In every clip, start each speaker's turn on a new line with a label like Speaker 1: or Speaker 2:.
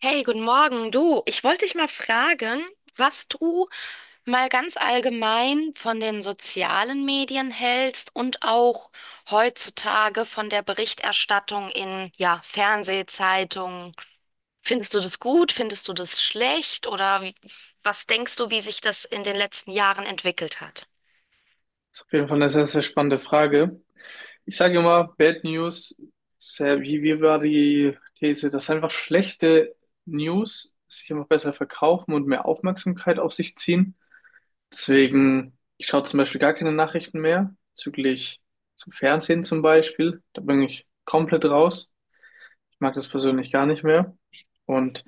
Speaker 1: Hey, guten Morgen. Du, ich wollte dich mal fragen, was du mal ganz allgemein von den sozialen Medien hältst und auch heutzutage von der Berichterstattung in, ja, Fernsehzeitungen. Findest du das gut? Findest du das schlecht? Oder wie, was denkst du, wie sich das in den letzten Jahren entwickelt hat?
Speaker 2: Ist auf jeden Fall eine sehr, sehr spannende Frage. Ich sage immer, Bad News, sehr, wie war die These, dass einfach schlechte News sich immer besser verkaufen und mehr Aufmerksamkeit auf sich ziehen. Deswegen, ich schaue zum Beispiel gar keine Nachrichten mehr, bezüglich zum Fernsehen zum Beispiel. Da bin ich komplett raus. Ich mag das persönlich gar nicht mehr. Und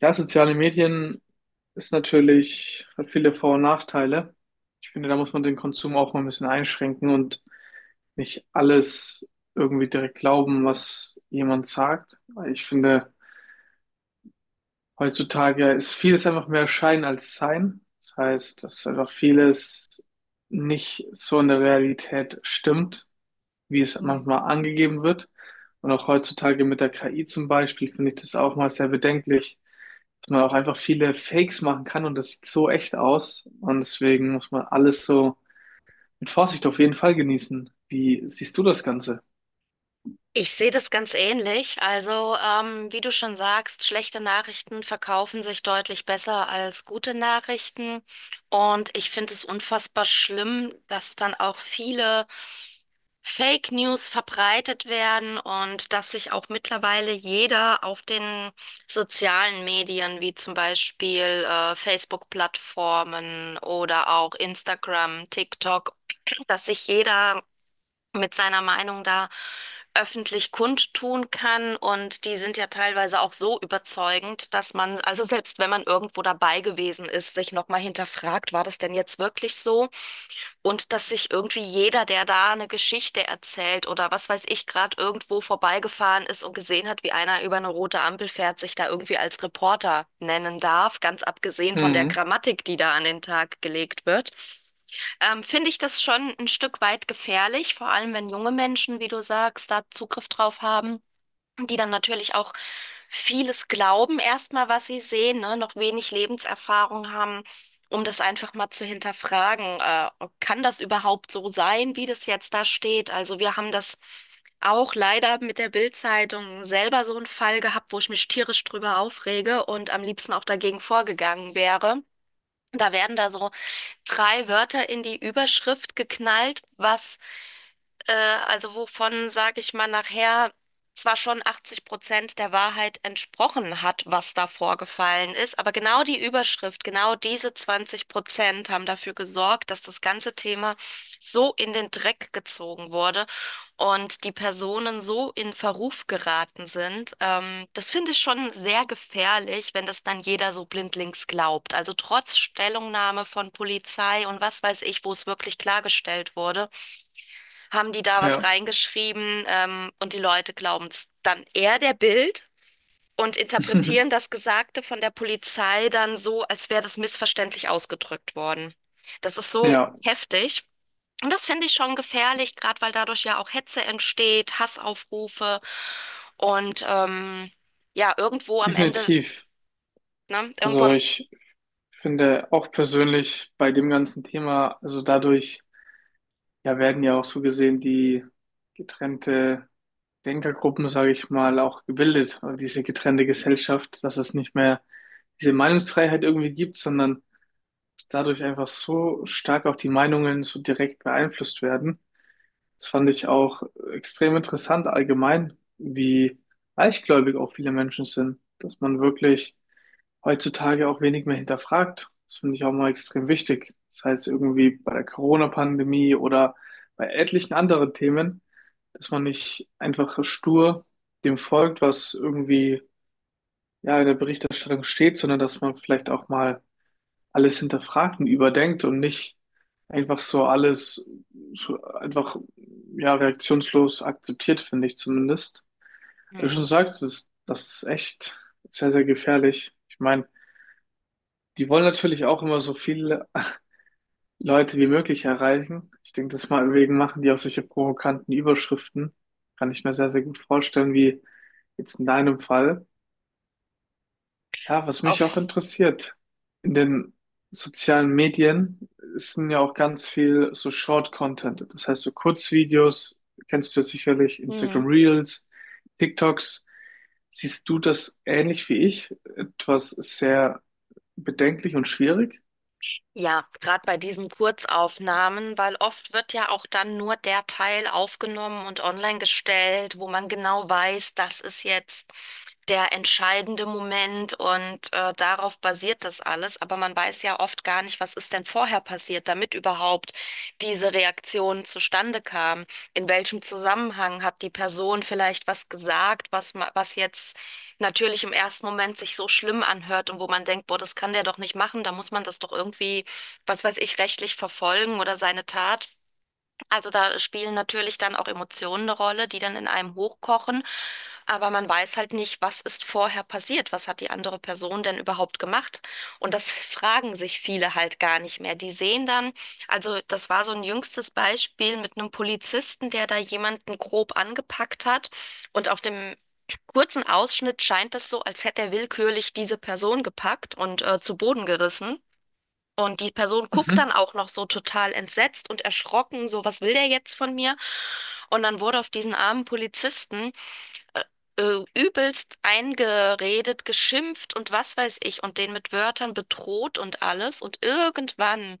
Speaker 2: ja, soziale Medien ist natürlich, hat viele Vor- und Nachteile. Ich finde, da muss man den Konsum auch mal ein bisschen einschränken und nicht alles irgendwie direkt glauben, was jemand sagt. Weil ich finde, heutzutage ist vieles einfach mehr Schein als Sein. Das heißt, dass einfach vieles nicht so in der Realität stimmt, wie es manchmal angegeben wird. Und auch heutzutage mit der KI zum Beispiel finde ich das auch mal sehr bedenklich, dass man auch einfach viele Fakes machen kann und das sieht so echt aus. Und deswegen muss man alles so mit Vorsicht auf jeden Fall genießen. Wie siehst du das Ganze?
Speaker 1: Ich sehe das ganz ähnlich. Also, wie du schon sagst, schlechte Nachrichten verkaufen sich deutlich besser als gute Nachrichten. Und ich finde es unfassbar schlimm, dass dann auch viele Fake News verbreitet werden und dass sich auch mittlerweile jeder auf den sozialen Medien, wie zum Beispiel Facebook-Plattformen oder auch Instagram, TikTok, dass sich jeder mit seiner Meinung da öffentlich kundtun kann. Und die sind ja teilweise auch so überzeugend, dass man, also selbst wenn man irgendwo dabei gewesen ist, sich nochmal hinterfragt, war das denn jetzt wirklich so? Und dass sich irgendwie jeder, der da eine Geschichte erzählt oder was weiß ich, gerade irgendwo vorbeigefahren ist und gesehen hat, wie einer über eine rote Ampel fährt, sich da irgendwie als Reporter nennen darf, ganz abgesehen von der
Speaker 2: Mhm.
Speaker 1: Grammatik, die da an den Tag gelegt wird. Finde ich das schon ein Stück weit gefährlich, vor allem wenn junge Menschen, wie du sagst, da Zugriff drauf haben, die dann natürlich auch vieles glauben, erstmal, was sie sehen, ne? Noch wenig Lebenserfahrung haben, um das einfach mal zu hinterfragen. Kann das überhaupt so sein, wie das jetzt da steht? Also wir haben das auch leider mit der Bild-Zeitung selber so einen Fall gehabt, wo ich mich tierisch drüber aufrege und am liebsten auch dagegen vorgegangen wäre. Da werden da so drei Wörter in die Überschrift geknallt, was äh, also wovon, sage ich mal, nachher zwar schon 80% der Wahrheit entsprochen hat, was da vorgefallen ist, aber genau die Überschrift, genau diese 20% haben dafür gesorgt, dass das ganze Thema so in den Dreck gezogen wurde und die Personen so in Verruf geraten sind. Das finde ich schon sehr gefährlich, wenn das dann jeder so blindlings glaubt. Also trotz Stellungnahme von Polizei und was weiß ich, wo es wirklich klargestellt wurde, haben die da was
Speaker 2: Ja.
Speaker 1: reingeschrieben, und die Leute glauben es dann eher der Bild und interpretieren das Gesagte von der Polizei dann so, als wäre das missverständlich ausgedrückt worden. Das ist so
Speaker 2: Ja,
Speaker 1: heftig. Und das finde ich schon gefährlich, gerade weil dadurch ja auch Hetze entsteht, Hassaufrufe und ja, irgendwo am Ende,
Speaker 2: definitiv.
Speaker 1: ne, irgendwo
Speaker 2: Also
Speaker 1: am,
Speaker 2: ich finde auch persönlich bei dem ganzen Thema, also dadurch ja werden ja auch so gesehen die getrennte Denkergruppen, sage ich mal, auch gebildet, also diese getrennte Gesellschaft, dass es nicht mehr diese Meinungsfreiheit irgendwie gibt, sondern dass dadurch einfach so stark auch die Meinungen so direkt beeinflusst werden. Das fand ich auch extrem interessant allgemein, wie leichtgläubig auch viele Menschen sind, dass man wirklich heutzutage auch wenig mehr hinterfragt. Das finde ich auch mal extrem wichtig. Das heißt irgendwie bei der Corona-Pandemie oder bei etlichen anderen Themen, dass man nicht einfach stur dem folgt, was irgendwie ja in der Berichterstattung steht, sondern dass man vielleicht auch mal alles hinterfragt und überdenkt und nicht einfach so alles so einfach ja reaktionslos akzeptiert, finde ich zumindest. Wie du
Speaker 1: Hm.
Speaker 2: schon sagst, das ist echt sehr, sehr gefährlich. Ich meine, die wollen natürlich auch immer so viele Leute wie möglich erreichen. Ich denke, das mal wegen machen die auch solche provokanten Überschriften. Kann ich mir sehr, sehr gut vorstellen, wie jetzt in deinem Fall. Ja, was mich auch
Speaker 1: auf
Speaker 2: interessiert, in den sozialen Medien sind ja auch ganz viel so Short-Content. Das heißt, so Kurzvideos, kennst du ja sicherlich,
Speaker 1: Hm.
Speaker 2: Instagram Reels, TikToks. Siehst du das ähnlich wie ich? Etwas sehr bedenklich und schwierig?
Speaker 1: Ja, gerade bei diesen Kurzaufnahmen, weil oft wird ja auch dann nur der Teil aufgenommen und online gestellt, wo man genau weiß, das ist jetzt der entscheidende Moment und darauf basiert das alles. Aber man weiß ja oft gar nicht, was ist denn vorher passiert, damit überhaupt diese Reaktion zustande kam. In welchem Zusammenhang hat die Person vielleicht was gesagt, was jetzt natürlich im ersten Moment sich so schlimm anhört und wo man denkt, boah, das kann der doch nicht machen, da muss man das doch irgendwie, was weiß ich, rechtlich verfolgen oder seine Tat. Also da spielen natürlich dann auch Emotionen eine Rolle, die dann in einem hochkochen. Aber man weiß halt nicht, was ist vorher passiert? Was hat die andere Person denn überhaupt gemacht? Und das fragen sich viele halt gar nicht mehr. Die sehen dann, also das war so ein jüngstes Beispiel mit einem Polizisten, der da jemanden grob angepackt hat. Und auf dem kurzen Ausschnitt scheint es so, als hätte er willkürlich diese Person gepackt und zu Boden gerissen. Und die Person guckt dann
Speaker 2: Mhm.
Speaker 1: auch noch so total entsetzt und erschrocken, so, was will der jetzt von mir? Und dann wurde auf diesen armen Polizisten übelst eingeredet, geschimpft und was weiß ich und den mit Wörtern bedroht und alles. Und irgendwann,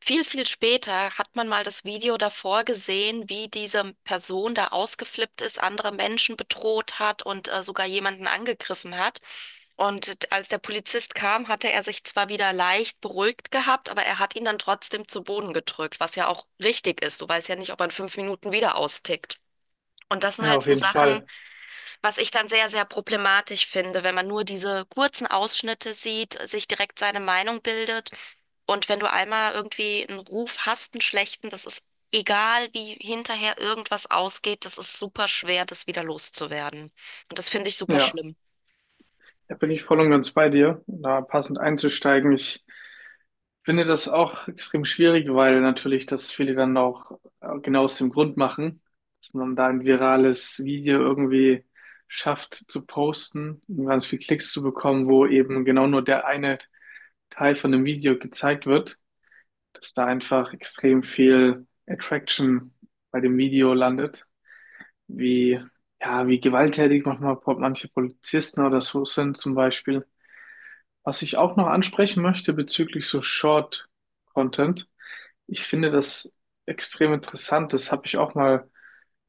Speaker 1: viel, viel später, hat man mal das Video davor gesehen, wie diese Person da ausgeflippt ist, andere Menschen bedroht hat und sogar jemanden angegriffen hat. Und als der Polizist kam, hatte er sich zwar wieder leicht beruhigt gehabt, aber er hat ihn dann trotzdem zu Boden gedrückt, was ja auch richtig ist. Du weißt ja nicht, ob er in 5 Minuten wieder austickt. Und das sind
Speaker 2: Ja,
Speaker 1: halt
Speaker 2: auf
Speaker 1: so
Speaker 2: jeden
Speaker 1: Sachen,
Speaker 2: Fall.
Speaker 1: was ich dann sehr, sehr problematisch finde, wenn man nur diese kurzen Ausschnitte sieht, sich direkt seine Meinung bildet. Und wenn du einmal irgendwie einen Ruf hast, einen schlechten, das ist egal, wie hinterher irgendwas ausgeht, das ist super schwer, das wieder loszuwerden. Und das finde ich super
Speaker 2: Ja,
Speaker 1: schlimm.
Speaker 2: da bin ich voll und ganz bei dir, um da passend einzusteigen. Ich finde das auch extrem schwierig, weil natürlich das viele dann auch genau aus dem Grund machen, dass man da ein virales Video irgendwie schafft zu posten und ganz viel Klicks zu bekommen, wo eben genau nur der eine Teil von dem Video gezeigt wird, dass da einfach extrem viel Attraction bei dem Video landet, wie ja, wie gewalttätig manchmal manche Polizisten oder so sind zum Beispiel. Was ich auch noch ansprechen möchte bezüglich so Short Content, ich finde das extrem interessant. Das habe ich auch mal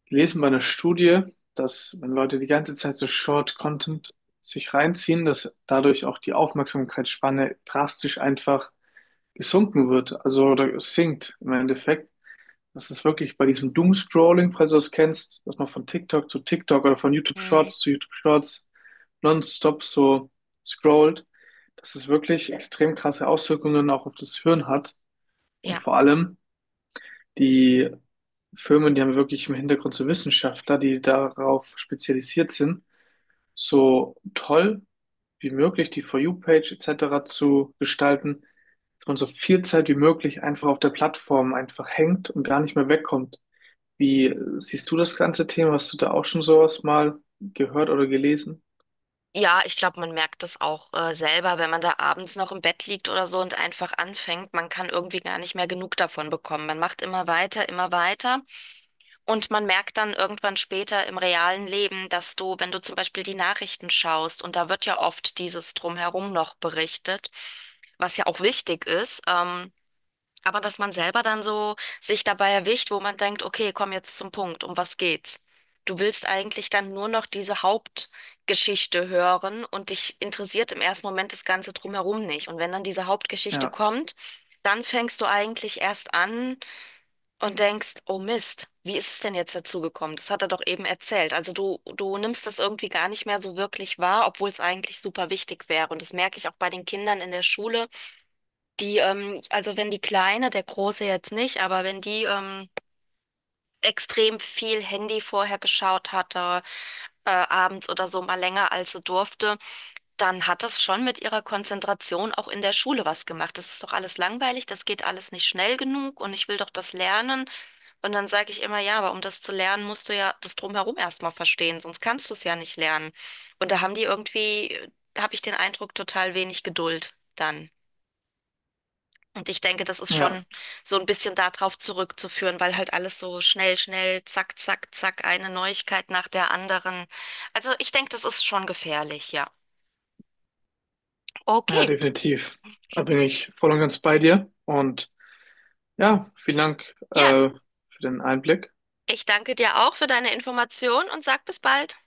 Speaker 2: gelesen bei einer Studie, dass wenn Leute die ganze Zeit so Short Content sich reinziehen, dass dadurch auch die Aufmerksamkeitsspanne drastisch einfach gesunken wird, also oder sinkt im Endeffekt. Das ist wirklich bei diesem Doomscrolling, falls du das kennst, dass man von TikTok zu TikTok oder von YouTube
Speaker 1: Mhm.
Speaker 2: Shorts zu YouTube Shorts nonstop so scrollt, dass es wirklich extrem krasse Auswirkungen auch auf das Hirn hat. Und
Speaker 1: Ja.
Speaker 2: vor allem die Firmen, die haben wirklich im Hintergrund so Wissenschaftler, die darauf spezialisiert sind, so toll wie möglich die For You-Page etc. zu gestalten, dass man so viel Zeit wie möglich einfach auf der Plattform einfach hängt und gar nicht mehr wegkommt. Wie siehst du das ganze Thema? Hast du da auch schon sowas mal gehört oder gelesen?
Speaker 1: Ja, ich glaube, man merkt das auch selber, wenn man da abends noch im Bett liegt oder so und einfach anfängt. Man kann irgendwie gar nicht mehr genug davon bekommen. Man macht immer weiter, immer weiter. Und man merkt dann irgendwann später im realen Leben, dass du, wenn du zum Beispiel die Nachrichten schaust, und da wird ja oft dieses Drumherum noch berichtet, was ja auch wichtig ist, aber dass man selber dann so sich dabei erwischt, wo man denkt, okay, komm jetzt zum Punkt, um was geht's? Du willst eigentlich dann nur noch diese Hauptgeschichte hören und dich interessiert im ersten Moment das Ganze drumherum nicht. Und wenn dann diese Hauptgeschichte
Speaker 2: Ja,
Speaker 1: kommt, dann fängst du eigentlich erst an, und denkst, oh Mist, wie ist es denn jetzt dazu gekommen? Das hat er doch eben erzählt. Also du nimmst das irgendwie gar nicht mehr so wirklich wahr, obwohl es eigentlich super wichtig wäre. Und das merke ich auch bei den Kindern in der Schule, die, also wenn die Kleine, der Große jetzt nicht, aber wenn die, extrem viel Handy vorher geschaut hatte, abends oder so mal länger als sie durfte, dann hat das schon mit ihrer Konzentration auch in der Schule was gemacht. Das ist doch alles langweilig, das geht alles nicht schnell genug und ich will doch das lernen. Und dann sage ich immer, ja, aber um das zu lernen, musst du ja das Drumherum erstmal verstehen, sonst kannst du es ja nicht lernen. Und da haben die irgendwie, habe ich den Eindruck, total wenig Geduld dann. Und ich denke, das ist
Speaker 2: ja,
Speaker 1: schon so ein bisschen darauf zurückzuführen, weil halt alles so schnell, schnell, zack, zack, zack, eine Neuigkeit nach der anderen. Also ich denke, das ist schon gefährlich, ja.
Speaker 2: ja,
Speaker 1: Okay,
Speaker 2: definitiv. Da bin ich voll und ganz bei dir. Und ja, vielen Dank
Speaker 1: ja,
Speaker 2: für den Einblick.
Speaker 1: ich danke dir auch für deine Information und sag bis bald.